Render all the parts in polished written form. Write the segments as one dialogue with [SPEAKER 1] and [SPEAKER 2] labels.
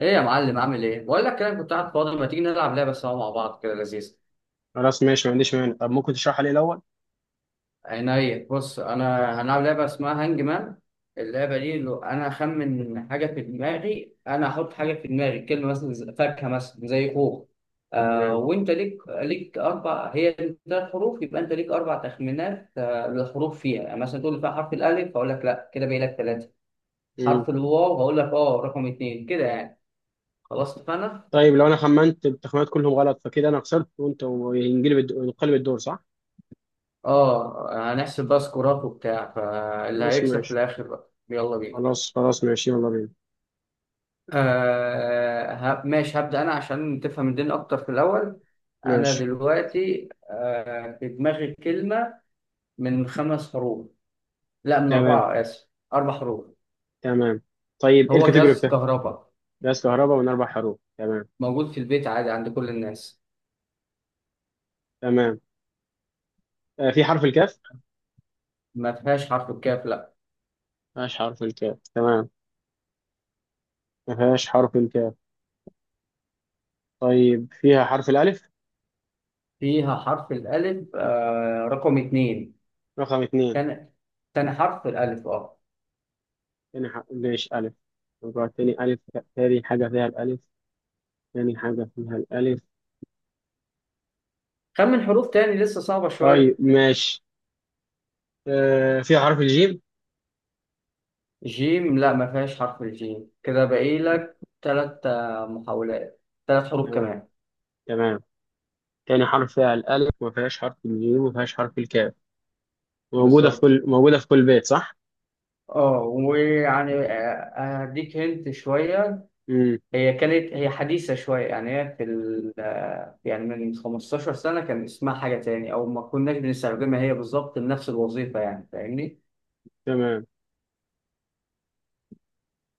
[SPEAKER 1] ايه يا معلم عامل ايه؟ بقول لك كده كنت قاعد فاضي، ما تيجي نلعب لعبه سوا مع بعض كده لذيذه.
[SPEAKER 2] خلاص ماشي، ما عنديش مانع. طب ممكن تشرحها لي الاول؟
[SPEAKER 1] عينيا، بص، انا هنلعب لعبه اسمها هانج مان. اللعبه دي لو انا اخمن حاجه في دماغي، انا احط حاجه في دماغي، كلمه مثلا فاكهه، مثلا زي خوخ.
[SPEAKER 2] تمام.
[SPEAKER 1] وانت ليك اربع، هي ثلاث حروف، يبقى انت ليك اربع تخمينات للحروف فيها. يعني مثلا تقول لي فيها حرف الالف، هقول لك لا، كده باقي لك ثلاثه.
[SPEAKER 2] امم
[SPEAKER 1] حرف الواو هقول لك رقم اثنين كده يعني. خلاص اتفقنا؟
[SPEAKER 2] طيب لو انا خمنت التخمينات كلهم غلط فكده انا خسرت وانت وينقلب ينقلب الدور، صح؟
[SPEAKER 1] اه هنحسب بقى سكورات وبتاع، فاللي
[SPEAKER 2] خلاص
[SPEAKER 1] هيكسب في
[SPEAKER 2] ماشي.
[SPEAKER 1] الاخر بقى يلا بينا.
[SPEAKER 2] خلاص ماشي، يلا بينا.
[SPEAKER 1] ماشي، هبدأ انا عشان تفهم الدنيا اكتر في الاول. انا
[SPEAKER 2] ماشي.
[SPEAKER 1] دلوقتي في دماغي كلمة من خمس حروف، لا من
[SPEAKER 2] تمام
[SPEAKER 1] اربعة، اسف اربع حروف.
[SPEAKER 2] تمام. طيب ايه
[SPEAKER 1] هو
[SPEAKER 2] الكاتيجوري
[SPEAKER 1] جهاز
[SPEAKER 2] بتاعك؟
[SPEAKER 1] كهرباء
[SPEAKER 2] غاز كهرباء من اربع حروف، تمام.
[SPEAKER 1] موجود في البيت عادي عند كل الناس.
[SPEAKER 2] تمام. آه، في حرف الكاف.
[SPEAKER 1] ما فيهاش حرف الكاف لا.
[SPEAKER 2] ما فيهاش حرف الكاف، تمام. ما فيهاش حرف الكاف. طيب فيها حرف الالف؟
[SPEAKER 1] فيها حرف الالف رقم اتنين.
[SPEAKER 2] رقم اثنين.
[SPEAKER 1] تاني، تاني حرف الالف
[SPEAKER 2] تاني حرف، ماشي، الف. رقم تاني الف. تاني حاجه فيها الالف. تاني حاجه فيها الالف.
[SPEAKER 1] خمن حروف تاني لسه صعبة
[SPEAKER 2] طيب
[SPEAKER 1] شوية.
[SPEAKER 2] ماشي. آه، فيها حرف الجيم.
[SPEAKER 1] جيم لا، ما فيهاش حرف الجيم، كده باقي لك ثلاث محاولات، ثلاث حروف
[SPEAKER 2] تمام
[SPEAKER 1] كمان.
[SPEAKER 2] تمام. تاني حرف فيها الألف، ما فيهاش حرف الجيم، وما فيهاش حرف الكاف.
[SPEAKER 1] بالظبط.
[SPEAKER 2] موجودة في كل بيت، صح؟
[SPEAKER 1] اه ويعني آه، هديك هنت شوية.
[SPEAKER 2] امم
[SPEAKER 1] هي حديثة شوية. يعني هي في ال آه، يعني من 15 سنة كان اسمها حاجة تاني، أو ما كناش بنستخدمها هي بالظبط لنفس الوظيفة، يعني فاهمني.
[SPEAKER 2] تمام.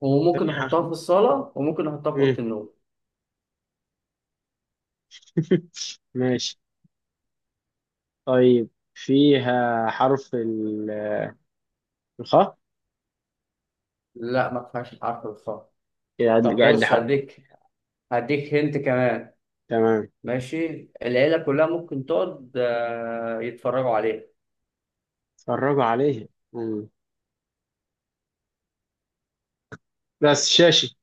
[SPEAKER 1] وممكن
[SPEAKER 2] تاني حرف.
[SPEAKER 1] نحطها في الصالة وممكن نحطها في أوضة
[SPEAKER 2] امم
[SPEAKER 1] النوم.
[SPEAKER 2] ماشي. طيب فيها حرف الخاء.
[SPEAKER 1] لا ما فيهاش حرف الخاء.
[SPEAKER 2] قاعد
[SPEAKER 1] طب
[SPEAKER 2] قاعد لي
[SPEAKER 1] بص،
[SPEAKER 2] حرف.
[SPEAKER 1] هديك هنت كمان.
[SPEAKER 2] تمام.
[SPEAKER 1] ماشي العيلة كلها ممكن تقعد يتفرجوا عليه.
[SPEAKER 2] اتفرجوا عليه. مم. بس شاشي.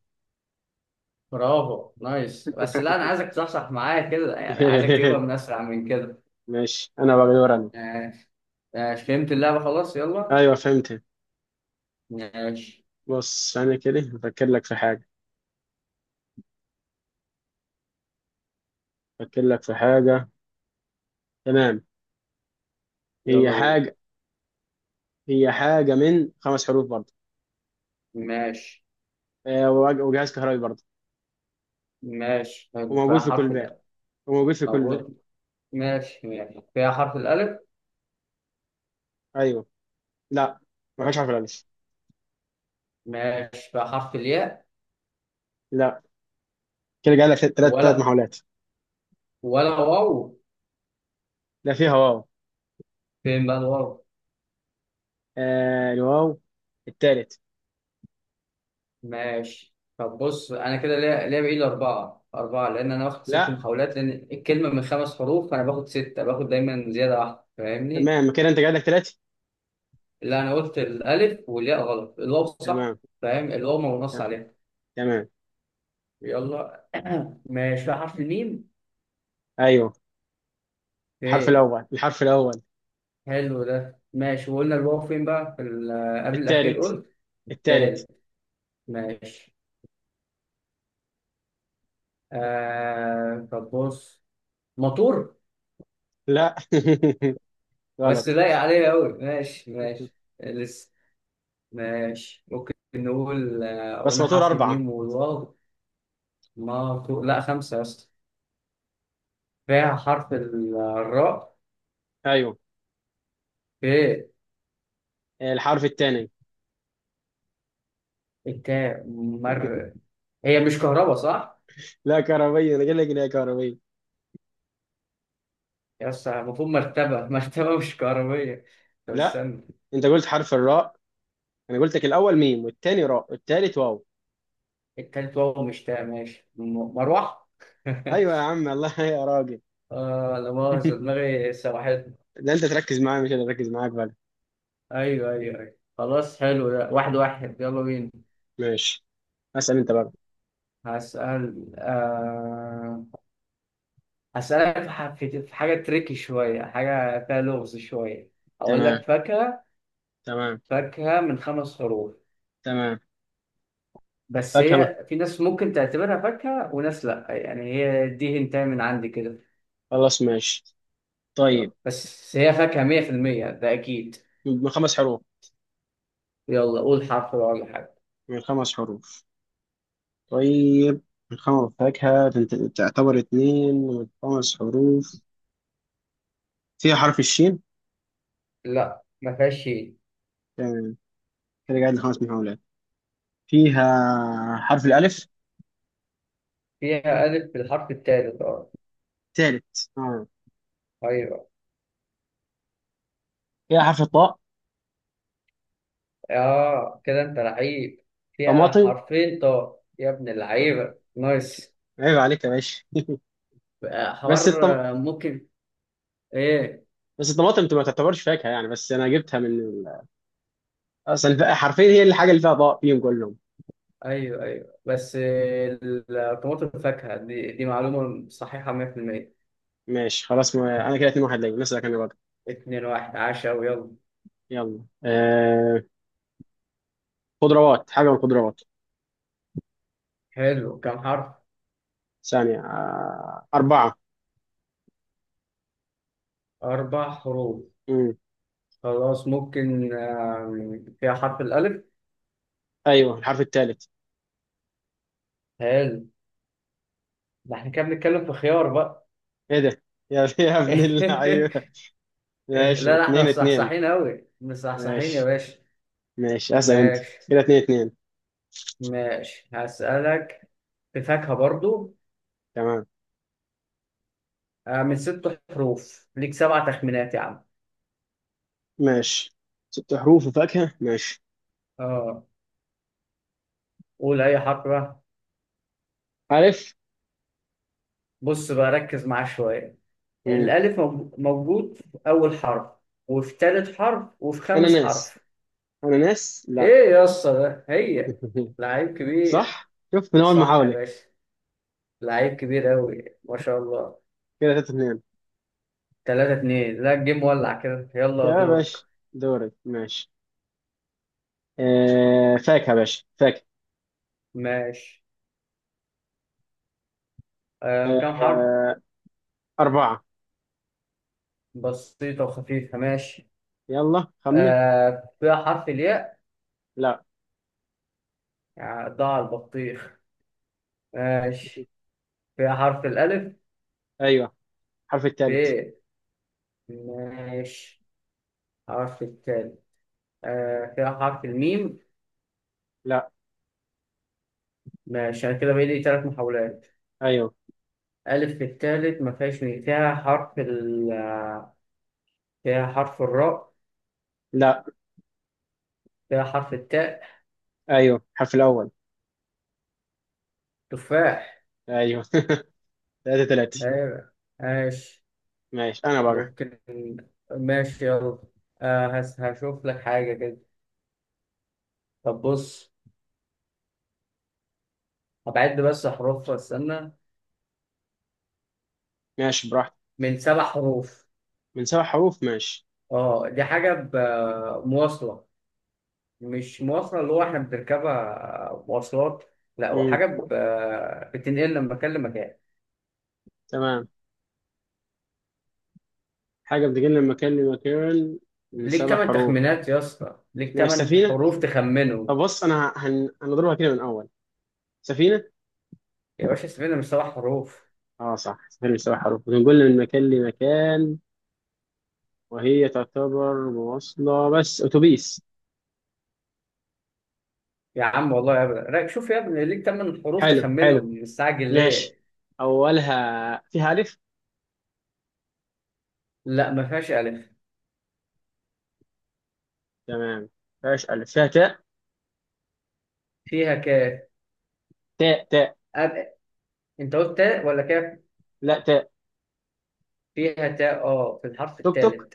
[SPEAKER 1] برافو نايس، بس لا أنا عايزك تصحصح معايا كده، يعني عايزك تجيبها من أسرع من كده.
[SPEAKER 2] ماشي، انا بقى دور انا.
[SPEAKER 1] ماشي ماشي فهمت اللعبة خلاص يلا.
[SPEAKER 2] ايوه فهمت.
[SPEAKER 1] ماشي
[SPEAKER 2] بص، انا كده بفكر لك في حاجه. بفكر لك في حاجه. تمام. هي
[SPEAKER 1] يلا بينا.
[SPEAKER 2] حاجه. هي حاجة من خمس حروف برضه.
[SPEAKER 1] ماشي
[SPEAKER 2] آه، وجهاز كهربي برضه.
[SPEAKER 1] ماشي حلو،
[SPEAKER 2] وموجود
[SPEAKER 1] فيها
[SPEAKER 2] في كل
[SPEAKER 1] حرف
[SPEAKER 2] بيت
[SPEAKER 1] الألف.
[SPEAKER 2] وموجود في كل بيت.
[SPEAKER 1] موجود. ماشي ماشي فيها حرف الألف.
[SPEAKER 2] أيوه. لا، ما فيهاش حرف الألف.
[SPEAKER 1] ماشي فيها حرف الياء.
[SPEAKER 2] لا. كده جاي لك تلات
[SPEAKER 1] ولا،
[SPEAKER 2] محاولات.
[SPEAKER 1] ولا واو.
[SPEAKER 2] لا، فيها واو.
[SPEAKER 1] فين بقى الواو.
[SPEAKER 2] آه الواو. التالت.
[SPEAKER 1] ماشي طب بص، انا كده ليا بايد اربعه اربعه، لان انا واخد ست
[SPEAKER 2] لا.
[SPEAKER 1] محاولات لان الكلمه من خمس حروف، فانا باخد سته، باخد دايما زياده واحده، فاهمني.
[SPEAKER 2] تمام، كده أنت جاي لك تلاتة.
[SPEAKER 1] اللي انا قلت الالف والياء غلط، الواو صح.
[SPEAKER 2] تمام.
[SPEAKER 1] فاهم، الواو ما بنص
[SPEAKER 2] ت-
[SPEAKER 1] عليها.
[SPEAKER 2] تمام.
[SPEAKER 1] يلا. ماشي في حرف الميم.
[SPEAKER 2] أيوه.
[SPEAKER 1] فين.
[SPEAKER 2] الحرف الأول.
[SPEAKER 1] حلو ده ماشي، وقلنا الواو فين بقى في قبل الاخير
[SPEAKER 2] التالت.
[SPEAKER 1] قلت.
[SPEAKER 2] التالت.
[SPEAKER 1] التالت. ماشي. طب بص، مطور.
[SPEAKER 2] لا.
[SPEAKER 1] بس
[SPEAKER 2] غلط.
[SPEAKER 1] لايق عليا قوي ماشي ماشي. ماشي ممكن نقول
[SPEAKER 2] بس
[SPEAKER 1] قلنا
[SPEAKER 2] مطور
[SPEAKER 1] حرف
[SPEAKER 2] أربعة.
[SPEAKER 1] الميم والواو. ما تو... لا خمسة يا اسطى. فيها الراء.
[SPEAKER 2] أيوه.
[SPEAKER 1] في.
[SPEAKER 2] آه، الحرف الثاني.
[SPEAKER 1] التاء مر. هي مش كهرباء صح؟
[SPEAKER 2] لا كهربية، أنا جاي لك إن هي كهربية.
[SPEAKER 1] يا اسطى المفروض مرتبة مرتبة مش كهربية. طب
[SPEAKER 2] لا،
[SPEAKER 1] استنى.
[SPEAKER 2] أنت قلت حرف الراء. انا قلت لك الاول ميم، والتاني راء، والتالت واو.
[SPEAKER 1] التالت واو مش تاء. مروح.
[SPEAKER 2] ايوه يا عم، الله يا راجل.
[SPEAKER 1] اه لا مؤاخذة، دماغي سوحتني.
[SPEAKER 2] لا انت تركز معايا، مش انا اركز معاك بقى.
[SPEAKER 1] ايوه ايوه ايوه خلاص حلو ده، واحد واحد يلا بينا.
[SPEAKER 2] ماشي، اسال انت بقى.
[SPEAKER 1] هسأل آه... هسألك في في حاجة تريكي شوية، حاجة فيها لغز شوية. أقول لك
[SPEAKER 2] تمام
[SPEAKER 1] فاكهة.
[SPEAKER 2] تمام.
[SPEAKER 1] فاكهة من خمس حروف.
[SPEAKER 2] تمام.
[SPEAKER 1] بس
[SPEAKER 2] فاكهه،
[SPEAKER 1] هي في ناس ممكن تعتبرها فاكهة وناس لأ، يعني هي دي هنتاي من عندي كده.
[SPEAKER 2] خلاص ماشي.
[SPEAKER 1] يلا،
[SPEAKER 2] طيب.
[SPEAKER 1] بس هي فاكهة مية في المية ده أكيد.
[SPEAKER 2] من خمس حروف.
[SPEAKER 1] يلا قول حرف بقى ولا حاجة.
[SPEAKER 2] من خمس حروف. طيب. من خمس، فاكهه، تعتبر اتنين من خمس حروف. فيها حرف الشين.
[SPEAKER 1] لأ ما فيهاش شيء.
[SPEAKER 2] تمام، كده قاعد لخمس محاولات. فيها حرف الالف.
[SPEAKER 1] فيها ألف بالحرف التالت أه.
[SPEAKER 2] تالت، اه.
[SPEAKER 1] أيوه.
[SPEAKER 2] فيها حرف الطاء.
[SPEAKER 1] كده أنت لعيب. فيها
[SPEAKER 2] طماطم.
[SPEAKER 1] حرفين طاء يا ابن اللعيبة، نايس.
[SPEAKER 2] عيب عليك يا باشا.
[SPEAKER 1] حوار
[SPEAKER 2] بس
[SPEAKER 1] ممكن. ايه.
[SPEAKER 2] بس الطماطم انت ما تعتبرش فاكهه يعني، بس انا جبتها من اصلا حرفيا هي الحاجه اللي فيها ضاء فيهم كلهم.
[SPEAKER 1] ايوه ايوه بس. الطماطم الفاكهه دي، معلومه صحيحه 100%.
[SPEAKER 2] ماشي خلاص ما... انا كده 2 1 ليا، مثلا انا بقى.
[SPEAKER 1] 2-1 عشا ويلا.
[SPEAKER 2] يلا خضروات، حاجه من الخضروات.
[SPEAKER 1] حلو كم حرف؟
[SPEAKER 2] ثانيه، اربعه.
[SPEAKER 1] اربع حروف
[SPEAKER 2] مم.
[SPEAKER 1] خلاص. ممكن فيها حرف الالف.
[SPEAKER 2] ايوه، الحرف الثالث.
[SPEAKER 1] حلو. ده احنا كده بنتكلم في خيار بقى.
[SPEAKER 2] ايه ده؟ يا يا ابن اللعيبه.
[SPEAKER 1] لا
[SPEAKER 2] ماشي،
[SPEAKER 1] لا احنا
[SPEAKER 2] اتنين اتنين.
[SPEAKER 1] مصحصحين قوي، مصحصحين يا
[SPEAKER 2] ماشي
[SPEAKER 1] باشا.
[SPEAKER 2] ماشي، اسال انت.
[SPEAKER 1] ماشي
[SPEAKER 2] كده اتنين اتنين.
[SPEAKER 1] ماشي. هسألك في فاكهه برضو.
[SPEAKER 2] تمام.
[SPEAKER 1] من ست حروف، ليك سبع تخمينات يا عم.
[SPEAKER 2] ماشي. ست حروف وفاكهه، ماشي.
[SPEAKER 1] اه. قول اي حرف بقى.
[SPEAKER 2] الف.
[SPEAKER 1] بص بقى ركز معاه شوية.
[SPEAKER 2] مم.
[SPEAKER 1] الألف موجود في أول حرف، وفي تالت حرف، وفي خامس
[SPEAKER 2] اناناس.
[SPEAKER 1] حرف.
[SPEAKER 2] اناناس؟ لا
[SPEAKER 1] إيه يا اسطى ده هي. لعيب كبير.
[SPEAKER 2] صح، شوف من اول
[SPEAKER 1] صح يا
[SPEAKER 2] محاوله.
[SPEAKER 1] باشا، لعيب كبير أوي ما شاء الله.
[SPEAKER 2] كده 3 2.
[SPEAKER 1] تلاتة اتنين، لا الجيم ولع كده، يلا
[SPEAKER 2] يا
[SPEAKER 1] دورك.
[SPEAKER 2] باشا. دورك، ماشي. آه فاكهه يا باشا، فاكهه.
[SPEAKER 1] ماشي. كام حرف.
[SPEAKER 2] آه اربعه.
[SPEAKER 1] بسيطة وخفيفة ماشي.
[SPEAKER 2] يلا خمن.
[SPEAKER 1] فيها حرف الياء.
[SPEAKER 2] لا.
[SPEAKER 1] يعني ضاع البطيخ. ماشي فيها حرف الألف.
[SPEAKER 2] ايوه الحرف الثالث.
[SPEAKER 1] في. ماشي. حرف التاء. فيها حرف الميم.
[SPEAKER 2] لا.
[SPEAKER 1] ماشي أنا كده بقى لي تلات محاولات.
[SPEAKER 2] ايوه.
[SPEAKER 1] ألف في التالت، ما فيهاش ميم، فيها حرف ال. فيها حرف الراء.
[SPEAKER 2] لا.
[SPEAKER 1] فيها حرف التاء.
[SPEAKER 2] ايوه الحرف الاول.
[SPEAKER 1] تفاح.
[SPEAKER 2] ايوه. 3 3.
[SPEAKER 1] أيوة. ماشي.
[SPEAKER 2] ماشي، انا بقى.
[SPEAKER 1] ممكن. ماشي يلا. هشوف لك حاجة كده. طب بص، هبعد بس أحرف، استنى.
[SPEAKER 2] ماشي براحتك.
[SPEAKER 1] من سبع حروف.
[SPEAKER 2] من سبع حروف. ماشي.
[SPEAKER 1] اه دي مواصلة. مش مواصلة اللي هو احنا بنركبها مواصلات. لا هو
[SPEAKER 2] امم
[SPEAKER 1] بتنقلنا من مكان لمكان.
[SPEAKER 2] تمام. حاجه بتجي من مكان لمكان. من
[SPEAKER 1] ليك
[SPEAKER 2] سبع
[SPEAKER 1] تمن
[SPEAKER 2] حروف،
[SPEAKER 1] تخمينات يا اسطى، ليك
[SPEAKER 2] ماشي.
[SPEAKER 1] تمن
[SPEAKER 2] سفينه.
[SPEAKER 1] حروف تخمنه.
[SPEAKER 2] طب بص انا هنضربها كده من اول. سفينه.
[SPEAKER 1] يا باشا سيبنا، من سبع حروف.
[SPEAKER 2] اه صح، سهل بسبع حروف، بنقول من مكان لمكان وهي تعتبر مواصلة، بس أتوبيس.
[SPEAKER 1] يا عم والله يا ابني رايك، شوف يا ابني ليك تمن حروف
[SPEAKER 2] حلو حلو،
[SPEAKER 1] تخمنهم، مستعجل
[SPEAKER 2] ماشي.
[SPEAKER 1] ليه.
[SPEAKER 2] أولها فيها ألف.
[SPEAKER 1] لا ما فيهاش الف.
[SPEAKER 2] تمام. فيهاش ألف، فيها تاء.
[SPEAKER 1] فيها كاف.
[SPEAKER 2] تاء.
[SPEAKER 1] أب... انت قلت تاء ولا كاف.
[SPEAKER 2] لا تاء.
[SPEAKER 1] فيها تاء اه في الحرف
[SPEAKER 2] توك توك.
[SPEAKER 1] الثالث.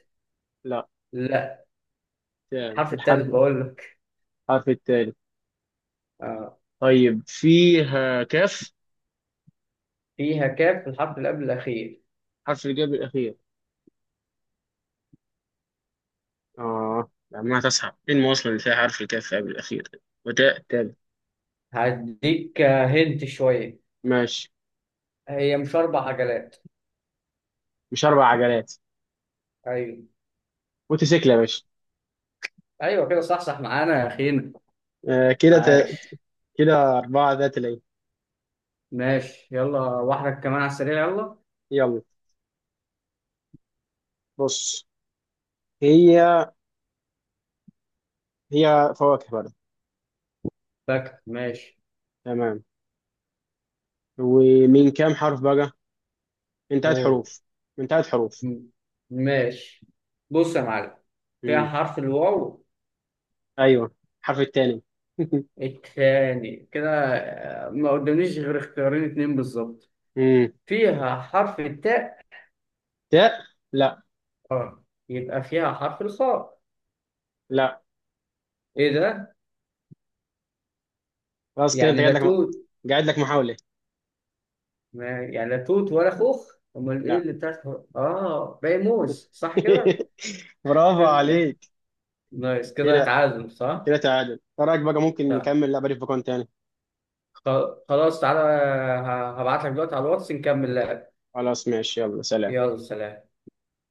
[SPEAKER 2] لا،
[SPEAKER 1] لا
[SPEAKER 2] تاء في
[SPEAKER 1] الحرف الثالث
[SPEAKER 2] الحرف.
[SPEAKER 1] بقول لك.
[SPEAKER 2] الحرف التالي.
[SPEAKER 1] آه.
[SPEAKER 2] طيب فيها كاف؟
[SPEAKER 1] فيها كاف في الحرف اللي قبل الاخير.
[SPEAKER 2] حرف الجاب الأخير. اه، لما تصحى، إيه المواصلة اللي فيها حرف الكاف قبل الأخير وتاء تالت؟
[SPEAKER 1] هديك هنت شويه.
[SPEAKER 2] ماشي.
[SPEAKER 1] هي مش اربع عجلات.
[SPEAKER 2] مش أربع عجلات؟
[SPEAKER 1] ايوه
[SPEAKER 2] موتوسيكل يا باشا.
[SPEAKER 1] ايوه كده صح، صح معانا يا اخينا.
[SPEAKER 2] آه كده
[SPEAKER 1] عاش.
[SPEAKER 2] كده أربعة ذات العين.
[SPEAKER 1] ماشي يلا واحدة كمان على السريع يلا.
[SPEAKER 2] يلا. بص. هي. هي فواكه بقى.
[SPEAKER 1] فاكر ماشي.
[SPEAKER 2] تمام. ومن كام حرف بقى؟ من ثلاث
[SPEAKER 1] أوه.
[SPEAKER 2] حروف. من ثلاث حروف.
[SPEAKER 1] م- ماشي. بص يا معلم.
[SPEAKER 2] امم
[SPEAKER 1] فيها حرف الواو.
[SPEAKER 2] ايوه، الحرف الثاني.
[SPEAKER 1] التاني كده. ما قدامنيش غير اختيارين اتنين بالظبط.
[SPEAKER 2] امم
[SPEAKER 1] فيها حرف التاء.
[SPEAKER 2] تاء. لا.
[SPEAKER 1] اه يبقى فيها حرف الخاء.
[SPEAKER 2] لا.
[SPEAKER 1] ايه ده؟
[SPEAKER 2] خلاص، كده انت
[SPEAKER 1] يعني
[SPEAKER 2] قاعد
[SPEAKER 1] لا
[SPEAKER 2] لك
[SPEAKER 1] توت.
[SPEAKER 2] قاعد لك محاولة.
[SPEAKER 1] يعني لا توت ولا خوخ، امال ايه
[SPEAKER 2] لا.
[SPEAKER 1] اللي بتاعت. اه باقي موز صح كده؟
[SPEAKER 2] برافو عليك.
[SPEAKER 1] نايس كده
[SPEAKER 2] كده.
[SPEAKER 1] تعادل
[SPEAKER 2] كده
[SPEAKER 1] صح؟
[SPEAKER 2] تعادل، ايه رايك بقى ممكن
[SPEAKER 1] طيب.
[SPEAKER 2] نكمل لعبة في بكون تاني.
[SPEAKER 1] خلاص تعالى، هبعت لك دلوقتي على الواتس نكمل لعب.
[SPEAKER 2] خلاص ماشي، يلا سلام.
[SPEAKER 1] يلا سلام.